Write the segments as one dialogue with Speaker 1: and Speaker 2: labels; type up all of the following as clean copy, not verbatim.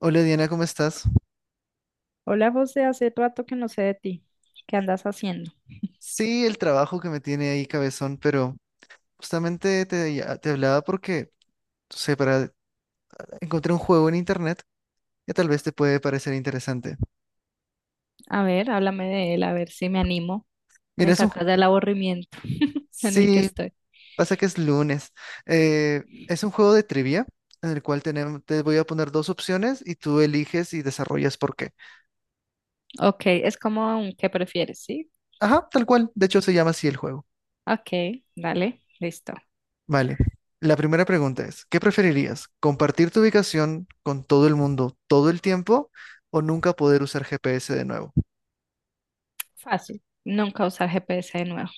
Speaker 1: Hola Diana, ¿cómo estás?
Speaker 2: Hola, José, hace rato que no sé de ti. ¿Qué andas haciendo?
Speaker 1: Sí, el trabajo que me tiene ahí cabezón, pero justamente te hablaba porque, no sé, para encontré un juego en internet que tal vez te puede parecer interesante.
Speaker 2: A ver, háblame de él, a ver si me animo.
Speaker 1: Mira,
Speaker 2: Me
Speaker 1: es un ju-.
Speaker 2: sacas del aburrimiento en el que
Speaker 1: Sí,
Speaker 2: estoy.
Speaker 1: pasa que es lunes. Es un juego de trivia en el cual te voy a poner dos opciones y tú eliges y desarrollas por qué.
Speaker 2: Ok, es como un ¿qué prefieres? ¿Sí?
Speaker 1: Ajá, tal cual. De hecho, se llama así el juego.
Speaker 2: Ok, dale, listo.
Speaker 1: Vale. La primera pregunta es, ¿qué preferirías? ¿Compartir tu ubicación con todo el mundo todo el tiempo o nunca poder usar GPS de nuevo?
Speaker 2: Fácil. Nunca usar GPS de nuevo.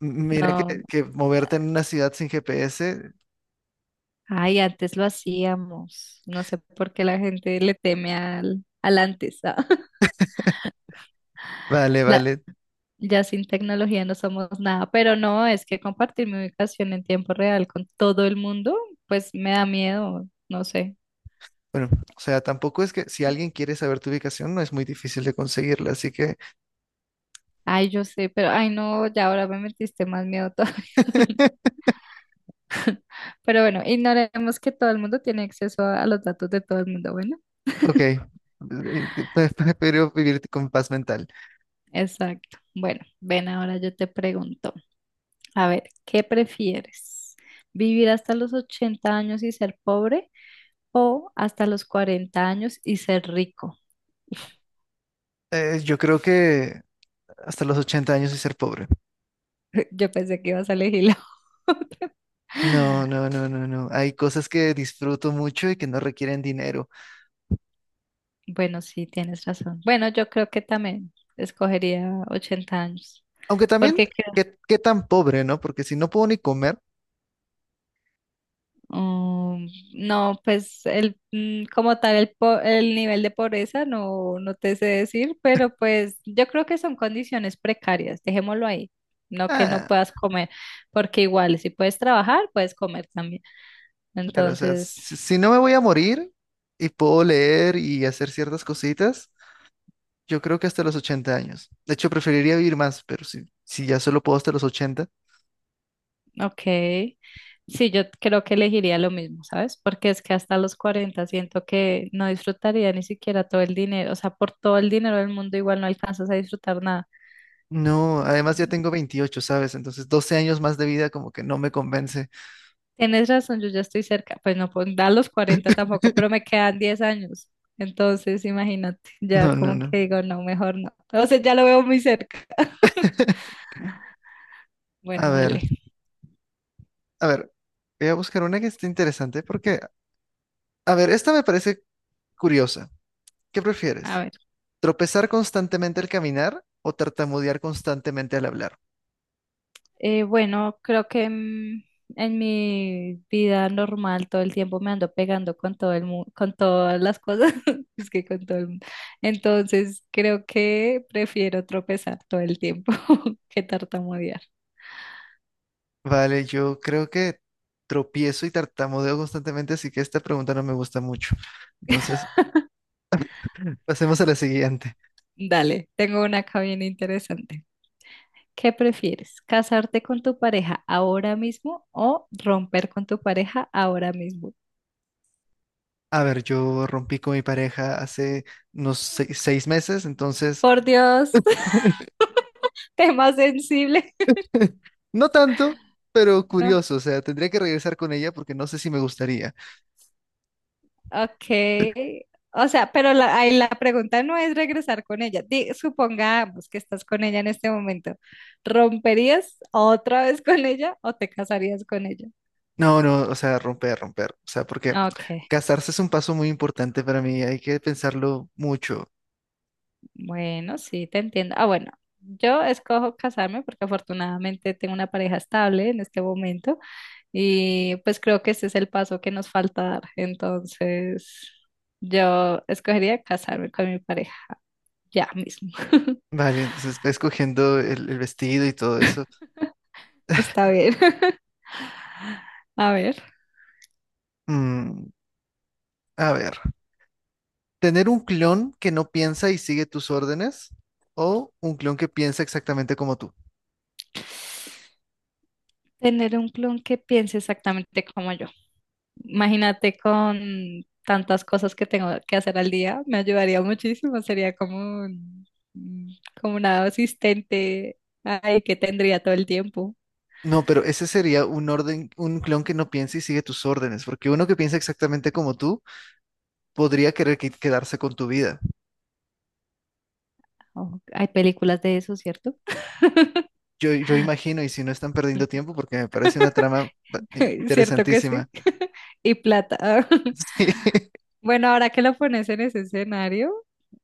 Speaker 1: Mira
Speaker 2: No.
Speaker 1: que moverte en una ciudad sin GPS,
Speaker 2: Ay, antes lo hacíamos. No sé por qué la gente le teme al antes.
Speaker 1: vale,
Speaker 2: La-
Speaker 1: vale.
Speaker 2: Ya sin tecnología no somos nada, pero no, es que compartir mi ubicación en tiempo real con todo el mundo, pues me da miedo, no sé.
Speaker 1: Bueno, o sea, tampoco es que si alguien quiere saber tu ubicación, no es muy difícil de conseguirla, así que,
Speaker 2: Ay, yo sé, pero ay no, ya ahora me metiste más miedo todo. Pero bueno, ignoremos que todo el mundo tiene acceso a los datos de todo el mundo, bueno.
Speaker 1: Ok, prefiero vivir con paz mental.
Speaker 2: Exacto. Bueno, ven, ahora yo te pregunto, a ver, ¿qué prefieres? ¿Vivir hasta los 80 años y ser pobre o hasta los 40 años y ser rico?
Speaker 1: Yo creo que hasta los 80 años y ser pobre.
Speaker 2: Yo pensé que ibas a elegir la otra.
Speaker 1: No, no, no, no, no. Hay cosas que disfruto mucho y que no requieren dinero.
Speaker 2: Bueno, sí, tienes razón. Bueno, yo creo que también escogería 80 años.
Speaker 1: Aunque también,
Speaker 2: Porque creo,
Speaker 1: ¿qué tan pobre, ¿no? Porque si no puedo ni comer,
Speaker 2: um, no, pues el como tal el nivel de pobreza no, no te sé decir, pero pues yo creo que son condiciones precarias, dejémoslo ahí. No que no
Speaker 1: ah,
Speaker 2: puedas comer, porque igual si puedes trabajar, puedes comer también.
Speaker 1: claro, o sea,
Speaker 2: Entonces,
Speaker 1: si no me voy a morir y puedo leer y hacer ciertas cositas, yo creo que hasta los 80 años. De hecho, preferiría vivir más, pero si ya solo puedo hasta los 80,
Speaker 2: ok. Sí, yo creo que elegiría lo mismo, ¿sabes? Porque es que hasta los 40 siento que no disfrutaría ni siquiera todo el dinero. O sea, por todo el dinero del mundo igual no alcanzas a disfrutar nada.
Speaker 1: no, además ya tengo 28, ¿sabes? Entonces, 12 años más de vida como que no me convence.
Speaker 2: Tienes razón, yo ya estoy cerca. Pues no, pues da los 40 tampoco, pero me quedan 10 años. Entonces, imagínate, ya
Speaker 1: No, no,
Speaker 2: como
Speaker 1: no.
Speaker 2: que digo, no, mejor no. O sea, ya lo veo muy cerca.
Speaker 1: A
Speaker 2: Bueno,
Speaker 1: ver,
Speaker 2: dale.
Speaker 1: a ver, voy a buscar una que esté interesante porque, a ver, esta me parece curiosa. ¿Qué
Speaker 2: A
Speaker 1: prefieres?
Speaker 2: ver.
Speaker 1: Tropezar constantemente al caminar o tartamudear constantemente al hablar.
Speaker 2: Bueno, creo que en mi vida normal todo el tiempo me ando pegando con todo el con todas las cosas, es que con todo el mundo. Entonces, creo que prefiero tropezar todo el tiempo que tartamudear.
Speaker 1: Vale, yo creo que tropiezo y tartamudeo constantemente, así que esta pregunta no me gusta mucho. Entonces, pasemos a la siguiente.
Speaker 2: Dale, tengo una acá bien interesante. ¿Qué prefieres? ¿Casarte con tu pareja ahora mismo o romper con tu pareja ahora mismo?
Speaker 1: A ver, yo rompí con mi pareja hace unos 6 meses, entonces,
Speaker 2: Por Dios, tema sensible.
Speaker 1: no tanto, pero
Speaker 2: No,
Speaker 1: curioso, o sea, tendría que regresar con ella porque no sé si me gustaría.
Speaker 2: ok. O sea, pero la, ahí la pregunta no es regresar con ella. Supongamos que estás con ella en este momento. ¿Romperías otra vez con ella o te casarías con ella?
Speaker 1: No, no, o sea, romper, romper, o sea, porque
Speaker 2: Ok,
Speaker 1: casarse es un paso muy importante para mí, hay que pensarlo mucho.
Speaker 2: bueno, sí, te entiendo. Ah, bueno, yo escojo casarme porque afortunadamente tengo una pareja estable en este momento y pues creo que ese es el paso que nos falta dar. Entonces, yo escogería casarme con mi pareja ya mismo.
Speaker 1: Vale, entonces va escogiendo el vestido y todo eso.
Speaker 2: Está bien. A ver.
Speaker 1: Mm, a ver, ¿tener un clon que no piensa y sigue tus órdenes? ¿O un clon que piensa exactamente como tú?
Speaker 2: Tener un clon que piense exactamente como yo. Imagínate con tantas cosas que tengo que hacer al día, me ayudaría muchísimo. Sería como un- como una asistente ay, que tendría todo el tiempo.
Speaker 1: No, pero ese sería un orden, un clon que no piensa y sigue tus órdenes, porque uno que piensa exactamente como tú podría querer quedarse con tu vida.
Speaker 2: Oh, hay películas de eso, ¿cierto?
Speaker 1: Yo imagino, y si no están perdiendo tiempo, porque me parece una trama
Speaker 2: Cierto que
Speaker 1: interesantísima.
Speaker 2: sí. Y plata.
Speaker 1: Sí.
Speaker 2: Bueno, ahora que lo pones en ese escenario,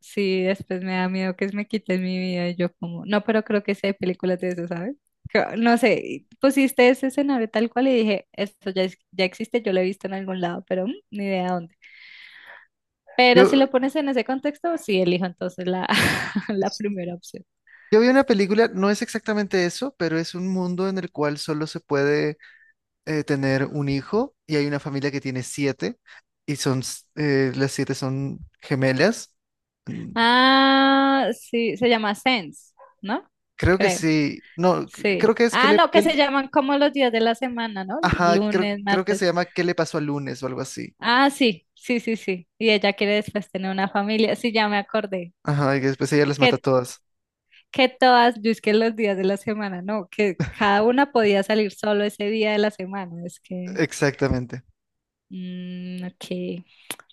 Speaker 2: sí, después me da miedo que me quiten mi vida y yo como, no, pero creo que sí hay películas de eso, ¿sabes? No sé, y pusiste ese escenario tal cual y dije, esto ya, ya existe, yo lo he visto en algún lado, pero ni idea dónde. Pero si
Speaker 1: Yo,
Speaker 2: lo pones en ese contexto, sí, elijo entonces la, la primera opción.
Speaker 1: yo vi una película, no es exactamente eso, pero es un mundo en el cual solo se puede tener un hijo y hay una familia que tiene siete y son, las siete son gemelas. Mm.
Speaker 2: Ah, sí, se llama Sense, ¿no?
Speaker 1: Creo que
Speaker 2: Creo.
Speaker 1: sí, no,
Speaker 2: Sí.
Speaker 1: creo que es que
Speaker 2: Ah,
Speaker 1: le,
Speaker 2: no, que
Speaker 1: que
Speaker 2: se
Speaker 1: le-
Speaker 2: llaman como los días de la semana, ¿no?
Speaker 1: Ajá, creo,
Speaker 2: Lunes,
Speaker 1: creo que se
Speaker 2: martes.
Speaker 1: llama ¿Qué le pasó al lunes o algo así?
Speaker 2: Ah, sí, sí, sí, sí. Y ella quiere después tener una familia. Sí, ya me acordé.
Speaker 1: Ajá, y que después ella las mata a
Speaker 2: Que,
Speaker 1: todas.
Speaker 2: que todas, yo es que los días de la semana, no, que cada una podía salir solo ese día de la semana. Es que,
Speaker 1: Exactamente.
Speaker 2: ok.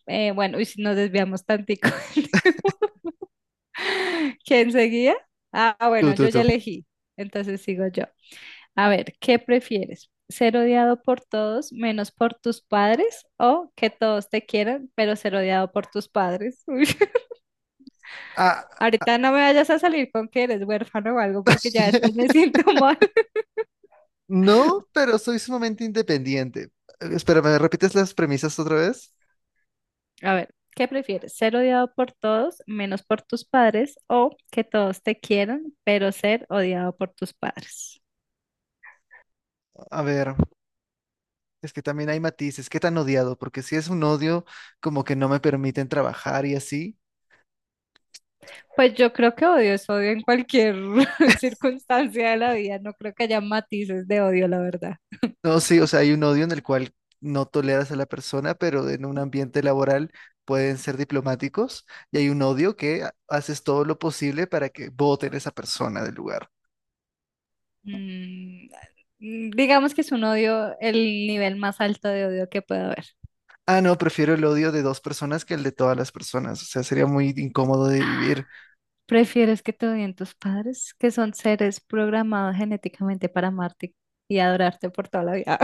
Speaker 2: Bueno, y si nos desviamos tantico. ¿Quién seguía? Ah,
Speaker 1: Tú,
Speaker 2: bueno,
Speaker 1: tú,
Speaker 2: yo ya
Speaker 1: tú.
Speaker 2: elegí. Entonces sigo yo. A ver, ¿qué prefieres? ¿Ser odiado por todos menos por tus padres o que todos te quieran, pero ser odiado por tus padres? Uy,
Speaker 1: Ah, ah,
Speaker 2: ahorita no me vayas a salir con que eres huérfano o algo porque ya después me siento mal.
Speaker 1: no, pero soy sumamente independiente. Espera, ¿me repites las premisas otra vez?
Speaker 2: A ver, ¿qué prefieres? ¿Ser odiado por todos menos por tus padres o que todos te quieran, pero ser odiado por tus padres?
Speaker 1: A ver, es que también hay matices. ¿Qué tan odiado? Porque si es un odio, como que no me permiten trabajar y así.
Speaker 2: Pues yo creo que odio es odio en cualquier circunstancia de la vida. No creo que haya matices de odio, la verdad.
Speaker 1: No, sí, o sea, hay un odio en el cual no toleras a la persona, pero en un ambiente laboral pueden ser diplomáticos y hay un odio que haces todo lo posible para que voten a esa persona del lugar.
Speaker 2: Mm, digamos que es un odio, el nivel más alto de odio que puede haber.
Speaker 1: Ah, no, prefiero el odio de dos personas que el de todas las personas. O sea, sería muy incómodo de vivir.
Speaker 2: ¿Prefieres que te odien tus padres, que son seres programados genéticamente para amarte y adorarte por toda la vida?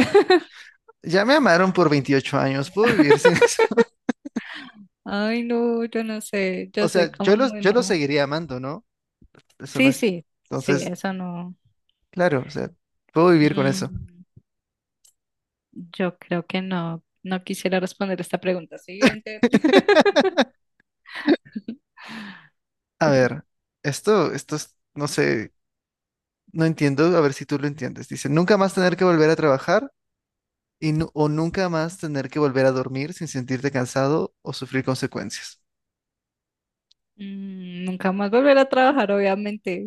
Speaker 1: Ya me amaron por 28 años, puedo vivir sin eso.
Speaker 2: Ay, no, yo no sé, yo
Speaker 1: O
Speaker 2: soy
Speaker 1: sea, yo
Speaker 2: como
Speaker 1: los,
Speaker 2: muy
Speaker 1: yo los
Speaker 2: mamá.
Speaker 1: seguiría amando, ¿no? Eso no
Speaker 2: Sí,
Speaker 1: es.
Speaker 2: sí, sí,
Speaker 1: Entonces,
Speaker 2: eso no.
Speaker 1: claro, o sea, puedo vivir con eso.
Speaker 2: Mm, yo creo que no, no quisiera responder esta pregunta siguiente.
Speaker 1: A ver, esto es, no sé. No entiendo, a ver si tú lo entiendes. Dice, nunca más tener que volver a trabajar o nunca más tener que volver a dormir sin sentirte cansado o sufrir consecuencias.
Speaker 2: Nunca más volver a trabajar, obviamente.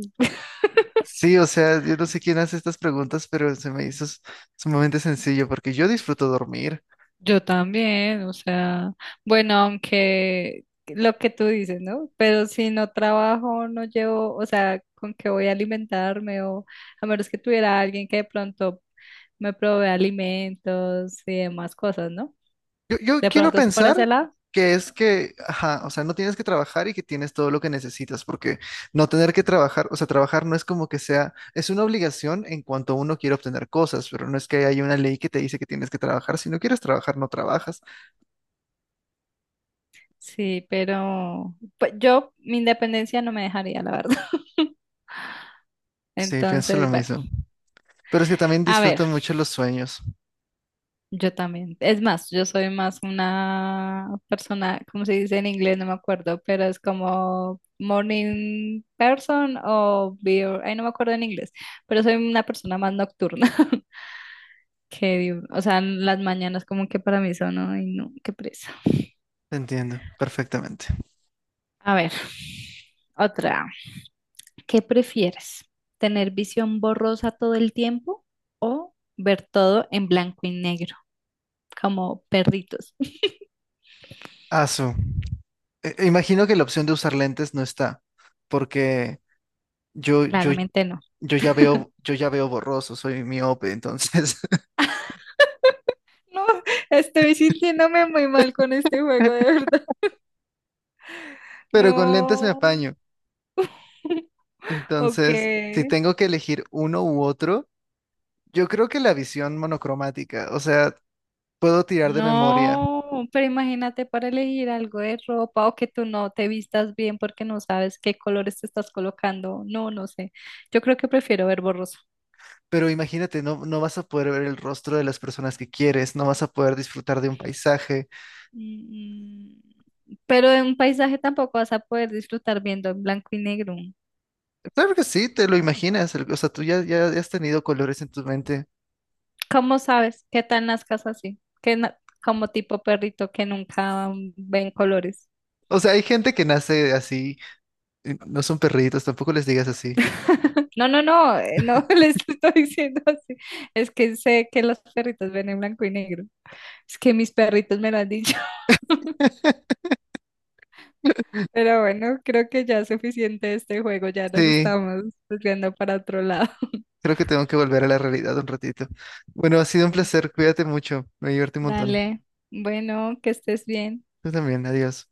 Speaker 1: Sí, o sea, yo no sé quién hace estas preguntas, pero se me hizo sumamente sencillo porque yo disfruto dormir.
Speaker 2: Yo también, o sea, bueno, aunque lo que tú dices, ¿no? Pero si no trabajo, no llevo, o sea, ¿con qué voy a alimentarme? O a menos que tuviera alguien que de pronto me provee alimentos y demás cosas, ¿no?
Speaker 1: Yo
Speaker 2: De
Speaker 1: quiero
Speaker 2: pronto es por ese
Speaker 1: pensar
Speaker 2: lado,
Speaker 1: que es que, ajá, o sea, no tienes que trabajar y que tienes todo lo que necesitas, porque no tener que trabajar, o sea, trabajar no es como que sea, es una obligación en cuanto uno quiere obtener cosas, pero no es que haya una ley que te dice que tienes que trabajar. Si no quieres trabajar, no trabajas.
Speaker 2: sí, pero pues, yo mi independencia no me dejaría, la verdad.
Speaker 1: Sí, pienso lo
Speaker 2: Entonces, bueno,
Speaker 1: mismo. Pero es que también
Speaker 2: a ver.
Speaker 1: disfruto mucho los sueños.
Speaker 2: Yo también. Es más, yo soy más una persona, ¿cómo se dice en inglés? No me acuerdo, pero es como morning person o beer. Ay, no me acuerdo en inglés, pero soy una persona más nocturna que O sea, las mañanas como que para mí son, ay, no, qué presa.
Speaker 1: Te entiendo, perfectamente.
Speaker 2: A ver, otra. ¿Qué prefieres? ¿Tener visión borrosa todo el tiempo o ver todo en blanco y negro, como perritos?
Speaker 1: Ah, su. E imagino que la opción de usar lentes no está, porque yo, yo,
Speaker 2: Claramente no.
Speaker 1: yo ya veo borroso, soy miope, entonces.
Speaker 2: No, estoy sintiéndome muy mal con este juego, de verdad.
Speaker 1: Pero con lentes me
Speaker 2: No,
Speaker 1: apaño. Entonces, si
Speaker 2: ok.
Speaker 1: tengo que elegir uno u otro, yo creo que la visión monocromática, o sea, puedo tirar de memoria,
Speaker 2: No, pero imagínate para elegir algo de ropa o que tú no te vistas bien porque no sabes qué colores te estás colocando. No, no sé. Yo creo que prefiero ver borroso.
Speaker 1: pero imagínate, no, no vas a poder ver el rostro de las personas que quieres, no vas a poder disfrutar de un paisaje.
Speaker 2: Mm, Pero en un paisaje tampoco vas a poder disfrutar viendo en blanco y negro.
Speaker 1: Claro que sí, te lo imaginas, o sea, tú ya has tenido colores en tu mente.
Speaker 2: ¿Cómo sabes qué tal las casas así? Que como tipo perrito que nunca ven colores.
Speaker 1: O sea, hay gente que nace así, y no son perritos, tampoco les digas así.
Speaker 2: No, no, no, no les estoy diciendo así. Es que sé que los perritos ven en blanco y negro. Es que mis perritos me lo han dicho. Pero bueno, creo que ya es suficiente de este juego. Ya nos
Speaker 1: Sí,
Speaker 2: estamos desviando para otro lado.
Speaker 1: creo que tengo que volver a la realidad un ratito. Bueno, ha sido un
Speaker 2: Bueno,
Speaker 1: placer, cuídate mucho, me divertí un montón.
Speaker 2: dale. Bueno, que estés bien.
Speaker 1: Tú también, adiós.